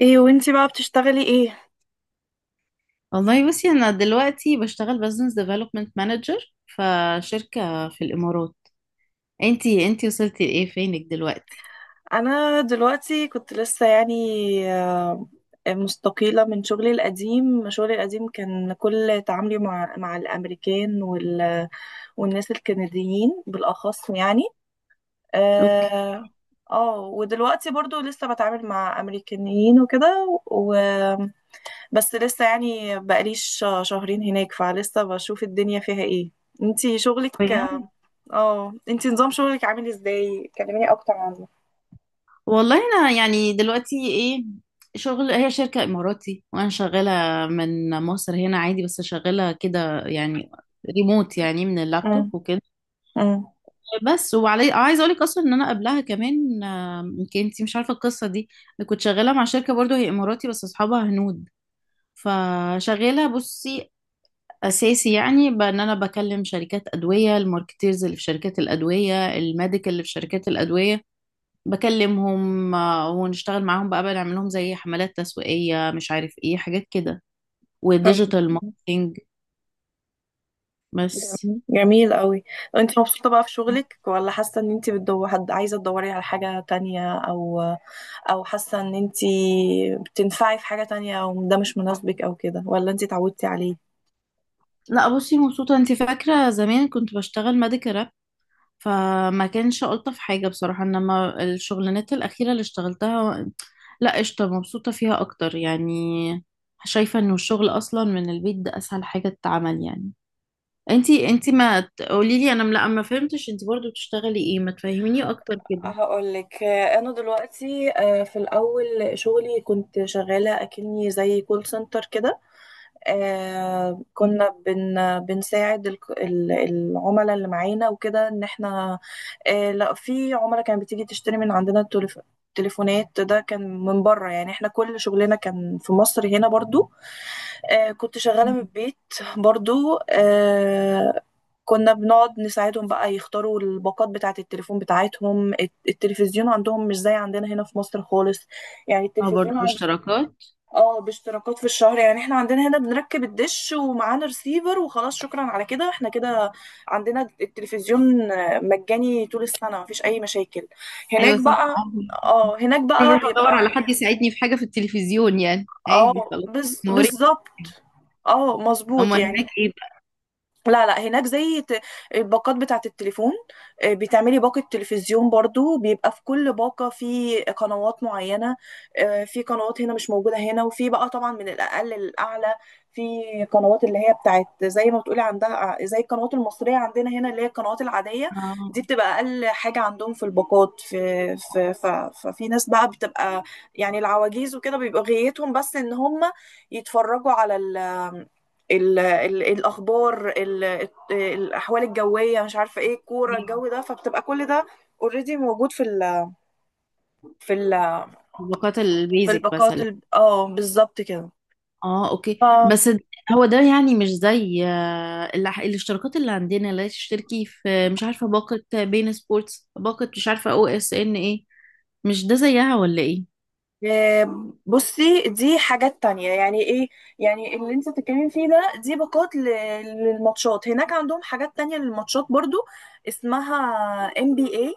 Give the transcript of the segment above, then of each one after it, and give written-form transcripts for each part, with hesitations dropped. ايه وانتي بقى بتشتغلي ايه؟ والله بصي انا دلوقتي بشتغل بزنس ديفلوبمنت مانجر فشركة في الامارات. انتي وصلتي لايه، فينك دلوقتي؟ انا دلوقتي كنت لسه يعني آه، مستقيلة من شغلي القديم. شغلي القديم كان كل تعاملي مع الامريكان والناس الكنديين بالاخص يعني. اوكي. اه ودلوقتي برضو لسه بتعامل مع امريكانيين وكده. بس لسه يعني بقاليش شهرين هناك، فلسه بشوف الدنيا فيها ايه. انتي شغلك، بجد. اه انتي نظام شغلك عامل ازاي؟ كلميني اكتر عنه. والله انا يعني دلوقتي ايه، شغل هي شركة اماراتي وانا شغالة من مصر هنا عادي، بس شغالة كده يعني ريموت يعني من اللابتوب مم. وكده. مم. بس وعلي عايزه اقول لك اصلا ان انا قبلها كمان، يمكن انتي مش عارفه القصه دي. أنا كنت شغاله مع شركه برضو هي اماراتي بس اصحابها هنود. فشغاله بصي اساسي يعني بان انا بكلم شركات ادويه، الماركتيرز اللي في شركات الادويه، الميديكال اللي في شركات الادويه، بكلمهم ونشتغل معاهم بقى، بنعمل لهم زي حملات تسويقيه مش عارف ايه حاجات كده طب وديجيتال ماركتينج. بس. جميل جميل قوي. انت مبسوطة بقى في شغلك، ولا حاسة ان انت بتدور حد، عايزة تدوري على حاجة تانية، او حاسة ان انت بتنفعي في حاجة تانية، او ده مش مناسبك او كده، ولا انت اتعودتي عليه؟ لا بصي مبسوطه، انت فاكره زمان كنت بشتغل ميديكال راب، فما كانش الطف حاجه بصراحه، انما الشغلانات الاخيره اللي اشتغلتها لا قشطه، مبسوطه فيها اكتر يعني. شايفه انه الشغل اصلا من البيت ده اسهل حاجه تتعمل يعني. انتي ما تقولي لي، لا ما فهمتش انتي برضو بتشتغلي ايه، ما تفهميني اكتر كده. هقولك، انا دلوقتي في الاول شغلي كنت شغالة اكني زي كول سنتر كده. آه كنا بن بنساعد العملاء اللي معانا وكده، ان احنا لا في عملاء كانت بتيجي تشتري من عندنا التليفونات. ده كان من بره يعني، احنا كل شغلنا كان في مصر هنا برضو. كنت شغالة من البيت برضو. كنا بنقعد نساعدهم بقى يختاروا الباقات بتاعة التلفون بتاعتهم. التلفزيون عندهم مش زي عندنا هنا في مصر خالص، يعني اه التلفزيون برضو اشتراكات. اه باشتراكات في الشهر. يعني احنا عندنا هنا بنركب الدش ومعانا ريسيفر وخلاص، شكرا على كده احنا كده عندنا التلفزيون مجاني طول السنة مفيش أي مشاكل. هناك ايوه صح، بقى، عادي. اه هناك انا بقى بروح ادور على بيبقى، حد يساعدني في حاجه في التلفزيون يعني عادي اه خلاص. موري. بالظبط، اه مظبوط اما يعني. هناك ايه بقى؟ لا لا، هناك زي الباقات بتاعة التليفون، بتعملي باقة تلفزيون برضو، بيبقى في كل باقة في قنوات معينة. في قنوات هنا مش موجودة هنا، وفي بقى طبعا من الأقل للأعلى. في قنوات اللي هي بتاعت زي ما بتقولي عندها، زي القنوات المصرية عندنا هنا اللي هي القنوات العادية. دي اه. بتبقى أقل حاجة عندهم في الباقات. في في ف- ففي ناس بقى بتبقى يعني العواجيز وكده، بيبقى غايتهم بس إن هم يتفرجوا على ال الاخبار، الاحوال الجويه، مش عارفه ايه، الكوره، إيه؟ الجو، ده فبتبقى كل ده اوريدي موجود في ال في ال طبقات في البيزك الباقات. مثلا. اه بالظبط كده. اه اوكي. ف هو ده يعني مش زي الاشتراكات اللي عندنا، لا تشتركي في مش عارفه باقه بين سبورتس، باقه مش عارفه او اس ان ايه، مش ده زيها ولا ايه؟ بصي دي حاجات تانية يعني. ايه يعني اللي انت بتتكلمي فيه ده، دي باقات للماتشات. هناك عندهم حاجات تانية للماتشات برضو، اسمها ام بي اي،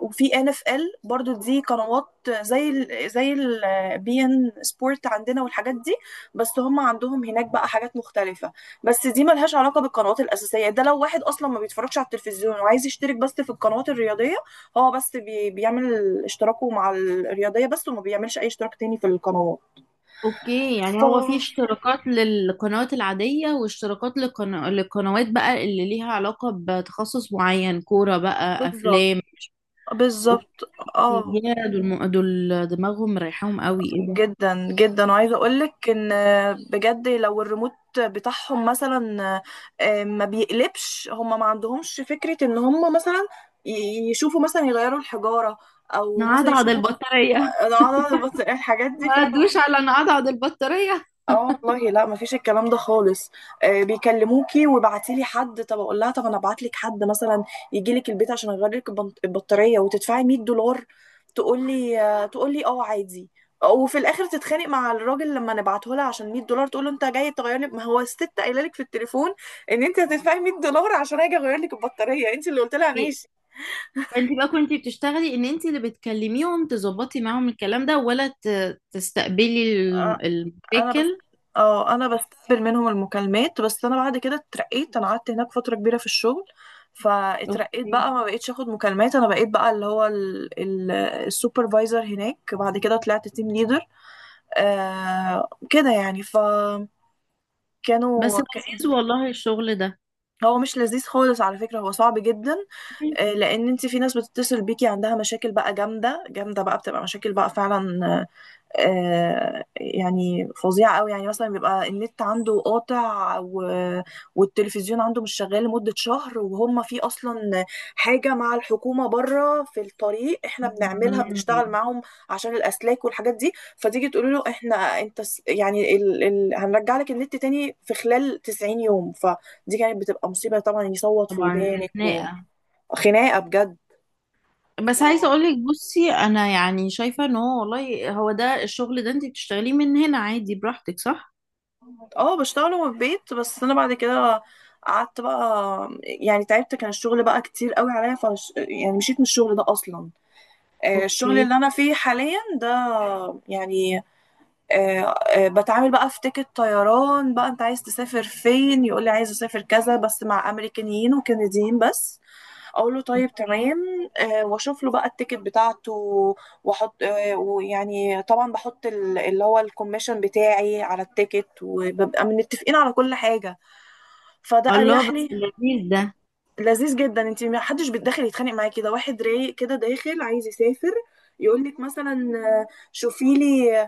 وفي ان اف ال برضو. دي قنوات زي ال زي البي ان سبورت عندنا والحاجات دي، بس هم عندهم هناك بقى حاجات مختلفة. بس دي ملهاش علاقة بالقنوات الأساسية. ده لو واحد أصلا ما بيتفرجش على التلفزيون وعايز يشترك بس في القنوات الرياضية، اه بس بيعمل اشتراكه مع الرياضية بس، وما بيعملش أي اشتراك تاني في القنوات. اوكي ف يعني هو في اشتراكات للقنوات العادية واشتراكات للقنوات بقى اللي ليها علاقة بتخصص معين، كورة بقى، بالظبط افلام. اوكي. بالظبط. اه يا دول دول دماغهم مريحاهم قوي، ايه ده. جدا جدا. وعايزة أقولك إن بجد لو الريموت بتاعهم مثلا ما بيقلبش، هم ما عندهمش فكرة إن هم مثلا يشوفوا، مثلا يغيروا الحجارة، أو مثلا نعضعض يشوفوا. البطارية أنا بس الحاجات دي ما فعلا ادوش على نعضعض البطارية. اه والله لا، مفيش الكلام ده خالص. بيكلموكي وبعتي لي حد، طب اقول لها طب انا ابعت لك حد مثلا يجي لك البيت عشان اغير لك البطاريه وتدفعي 100 دولار. تقول لي آه، تقول لي اه عادي. وفي الاخر تتخانق مع الراجل لما نبعته لها عشان 100 دولار. تقول له انت جاي تغير لي، ما هو الست قايله لك في التليفون ان انت هتدفعي 100 دولار عشان اجي اغير لك البطاريه، انت اللي قلت لها إيه؟ ماشي. فانت بقى كنت بتشتغلي ان انت اللي بتكلميهم تظبطي معاهم الكلام ده، ولا تستقبلي آه. انا بس، المشاكل؟ اه انا بستقبل منهم المكالمات بس. انا بعد كده اترقيت، انا قعدت هناك فتره كبيره في الشغل، فاترقيت اوكي. بقى، ما بقيتش اخد مكالمات. انا بقيت بقى اللي هو السوبرفايزر هناك، بعد كده طلعت تيم ليدر، كده يعني. فكانوا بس ك- لذيذ والله الشغل ده. هو مش لذيذ خالص على فكرة، هو صعب جدا. لان انت في ناس بتتصل بيكي عندها مشاكل بقى جامدة جامدة، بقى بتبقى مشاكل بقى فعلا يعني فظيعة قوي. يعني مثلا بيبقى النت عنده قاطع والتلفزيون عنده مش شغال لمدة شهر، وهم في أصلا حاجة مع الحكومة بره في الطريق، احنا بنعملها بنشتغل مم. معاهم عشان الأسلاك والحاجات دي. فتيجي تقول له احنا انت يعني هنرجع لك النت تاني في خلال 90 يوم، فدي كانت بتبقى مصيبة طبعا، يصوت في طبعا دي ودانك خناقة. وخناقة بس عايزة بجد. اقولك بصي، انا يعني شايفة ان هو والله هو ده، الشغل ده انت بتشتغليه من هنا عادي براحتك صح؟ اه بشتغل من البيت. بس انا بعد كده قعدت بقى يعني تعبت، كان الشغل بقى كتير قوي عليا، فش يعني مشيت من الشغل ده اصلا. الشغل اوكي. اللي انا فيه حاليا ده يعني آه، بتعامل بقى في تيكت طيران بقى. انت عايز تسافر فين، يقول لي عايز اسافر كذا، بس مع امريكانيين وكنديين بس. اقول له طيب اوكي. تمام، واشوف له بقى التيكت بتاعته. واحط ويعني طبعا بحط اللي هو الكوميشن بتاعي على التيكت، وببقى متفقين على كل حاجه. فده الله اريح بس لي. لذيذ ده. لذيذ جدا، انت ما حدش بيتدخل يتخانق معايا كده، واحد رايق كده داخل عايز يسافر، يقول لك مثلا شوفي لي،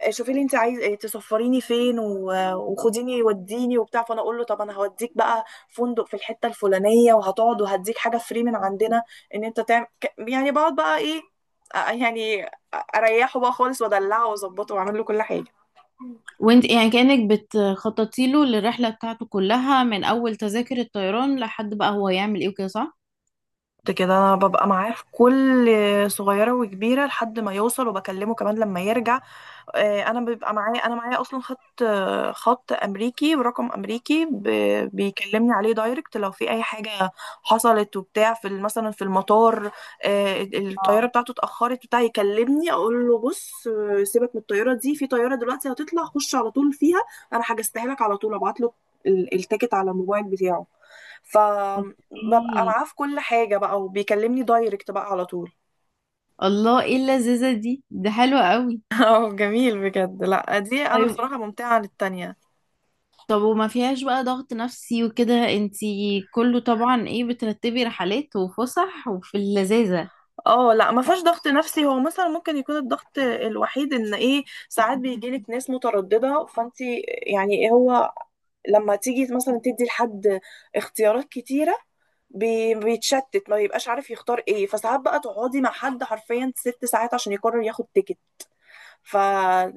شوفي لي انت عايز تسفريني فين، وخديني وديني وبتاع، فانا اقول له طب انا هوديك بقى فندق في الحته الفلانيه، وهتقعد، وهديك حاجه فري من عندنا ان انت تعمل يعني. بقعد بقى ايه يعني اريحه بقى خالص، وادلعه، واظبطه، واعمل له كل حاجه. وانت يعني كأنك بتخططي له للرحلة بتاعته كلها، من اول تذاكر الطيران لحد بقى هو يعمل ايه وكده، صح؟ كنت كده، انا ببقى معاه في كل صغيره وكبيره لحد ما يوصل، وبكلمه كمان لما يرجع. انا بيبقى معايا، انا معايا اصلا خط خط امريكي ورقم امريكي بيكلمني عليه دايركت لو في اي حاجه حصلت وبتاع في مثلا في المطار الطياره بتاعته اتاخرت بتاع يكلمني اقول له بص سيبك من الطياره دي، في طياره دلوقتي هتطلع خش على طول فيها، انا حجزتها لك. على طول ابعت له التيكت على الموبايل بتاعه. فببقى اوكي. معاه في كل حاجه بقى، وبيكلمني دايركت بقى على طول. الله ايه اللذيذة دي، ده حلوة قوي. اه جميل بجد. لا دي انا طيب. بصراحه ممتعه عن التانية. طب وما فيهاش بقى ضغط نفسي وكده انتي، كله طبعا ايه، بترتبي رحلات وفسح وفي اللذاذة. اه لا ما فيهاش ضغط نفسي. هو مثلا ممكن يكون الضغط الوحيد ان ايه، ساعات بيجيلك ناس متردده، فانت يعني إيه هو، لما تيجي مثلا تدي لحد اختيارات كتيره، بيتشتت ما بيبقاش عارف يختار ايه، فساعات بقى تقعدي مع حد حرفيا ست ساعات عشان يقرر ياخد تيكت. ف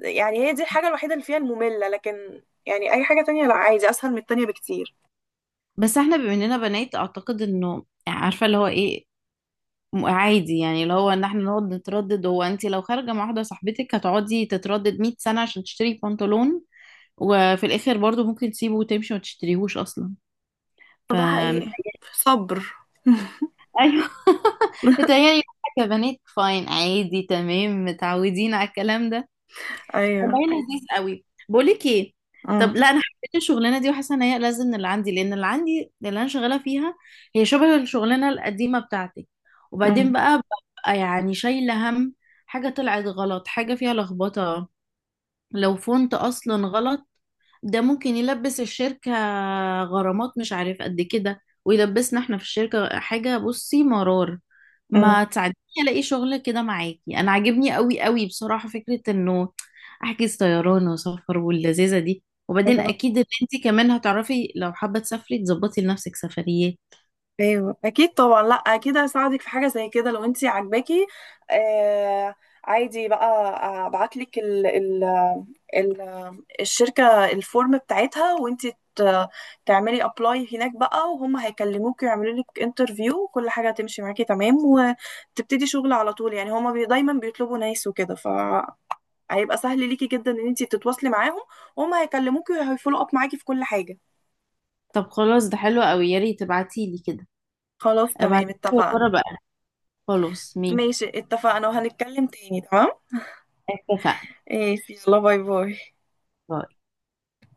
يعني هي دي الحاجه الوحيده اللي فيها الممله، لكن يعني اي حاجه تانية لا، عادي اسهل من التانية بكتير. بس احنا بما اننا بنات اعتقد انه يعني عارفه اللي هو ايه، عادي يعني، اللي هو ان احنا نقعد نتردد. هو انت لو خارجه مع واحده صاحبتك هتقعدي تتردد 100 سنه عشان تشتري بنطلون، وفي الاخر برضو ممكن تسيبه وتمشي وما تشتريهوش اصلا. ف ده حقيقي، صبر. ايوه. يعني كبنات فاين عادي تمام، متعودين على الكلام ده. والله ايوه. لذيذ قوي. بقول لك ايه، طب امم لا انا حبيت الشغلانه دي، وحاسه ان هي لازم من اللي عندي، لان اللي عندي، اللي انا شغاله فيها هي شبه الشغلانه القديمه بتاعتي، وبعدين بقى ببقى يعني شايله هم حاجه طلعت غلط، حاجه فيها لخبطه، لو فونت اصلا غلط ده ممكن يلبس الشركة غرامات مش عارف قد كده، ويلبسنا احنا في الشركة حاجة، بصي مرار. ما تساعديني الاقي شغل كده معاكي، انا عاجبني قوي قوي بصراحة فكرة انه احجز طيران وسفر واللذيذة دي، وبعدين امم اكيد ان انت كمان هتعرفي لو حابة تسافري تظبطي لنفسك سفريات. ايوه اكيد طبعا، لا اكيد هساعدك في حاجه زي كده لو انت عاجباكي. آه عادي بقى، ابعت لك ال ال ال الشركه الفورم بتاعتها، وانت ت- تعملي ابلاي هناك بقى، وهم هيكلموك ويعملوا لك انترفيو، وكل حاجه هتمشي معاكي تمام، وتبتدي شغل على طول. يعني هما دايما بيطلبوا ناس وكده، فهيبقى سهل ليكي جدا ان انت تتواصلي معاهم، وهم هيكلموكي وهيفولو اب معاكي في كل حاجه. طب خلاص ده حلو قوي، يا ريت تبعتيلي كده. خلاص تمام ابعتيلي اتفقنا. وأجرب بقى. خلاص مين. ماشي اتفقنا، وهنتكلم تاني تمام. اتفقنا. ايش، يلا باي باي.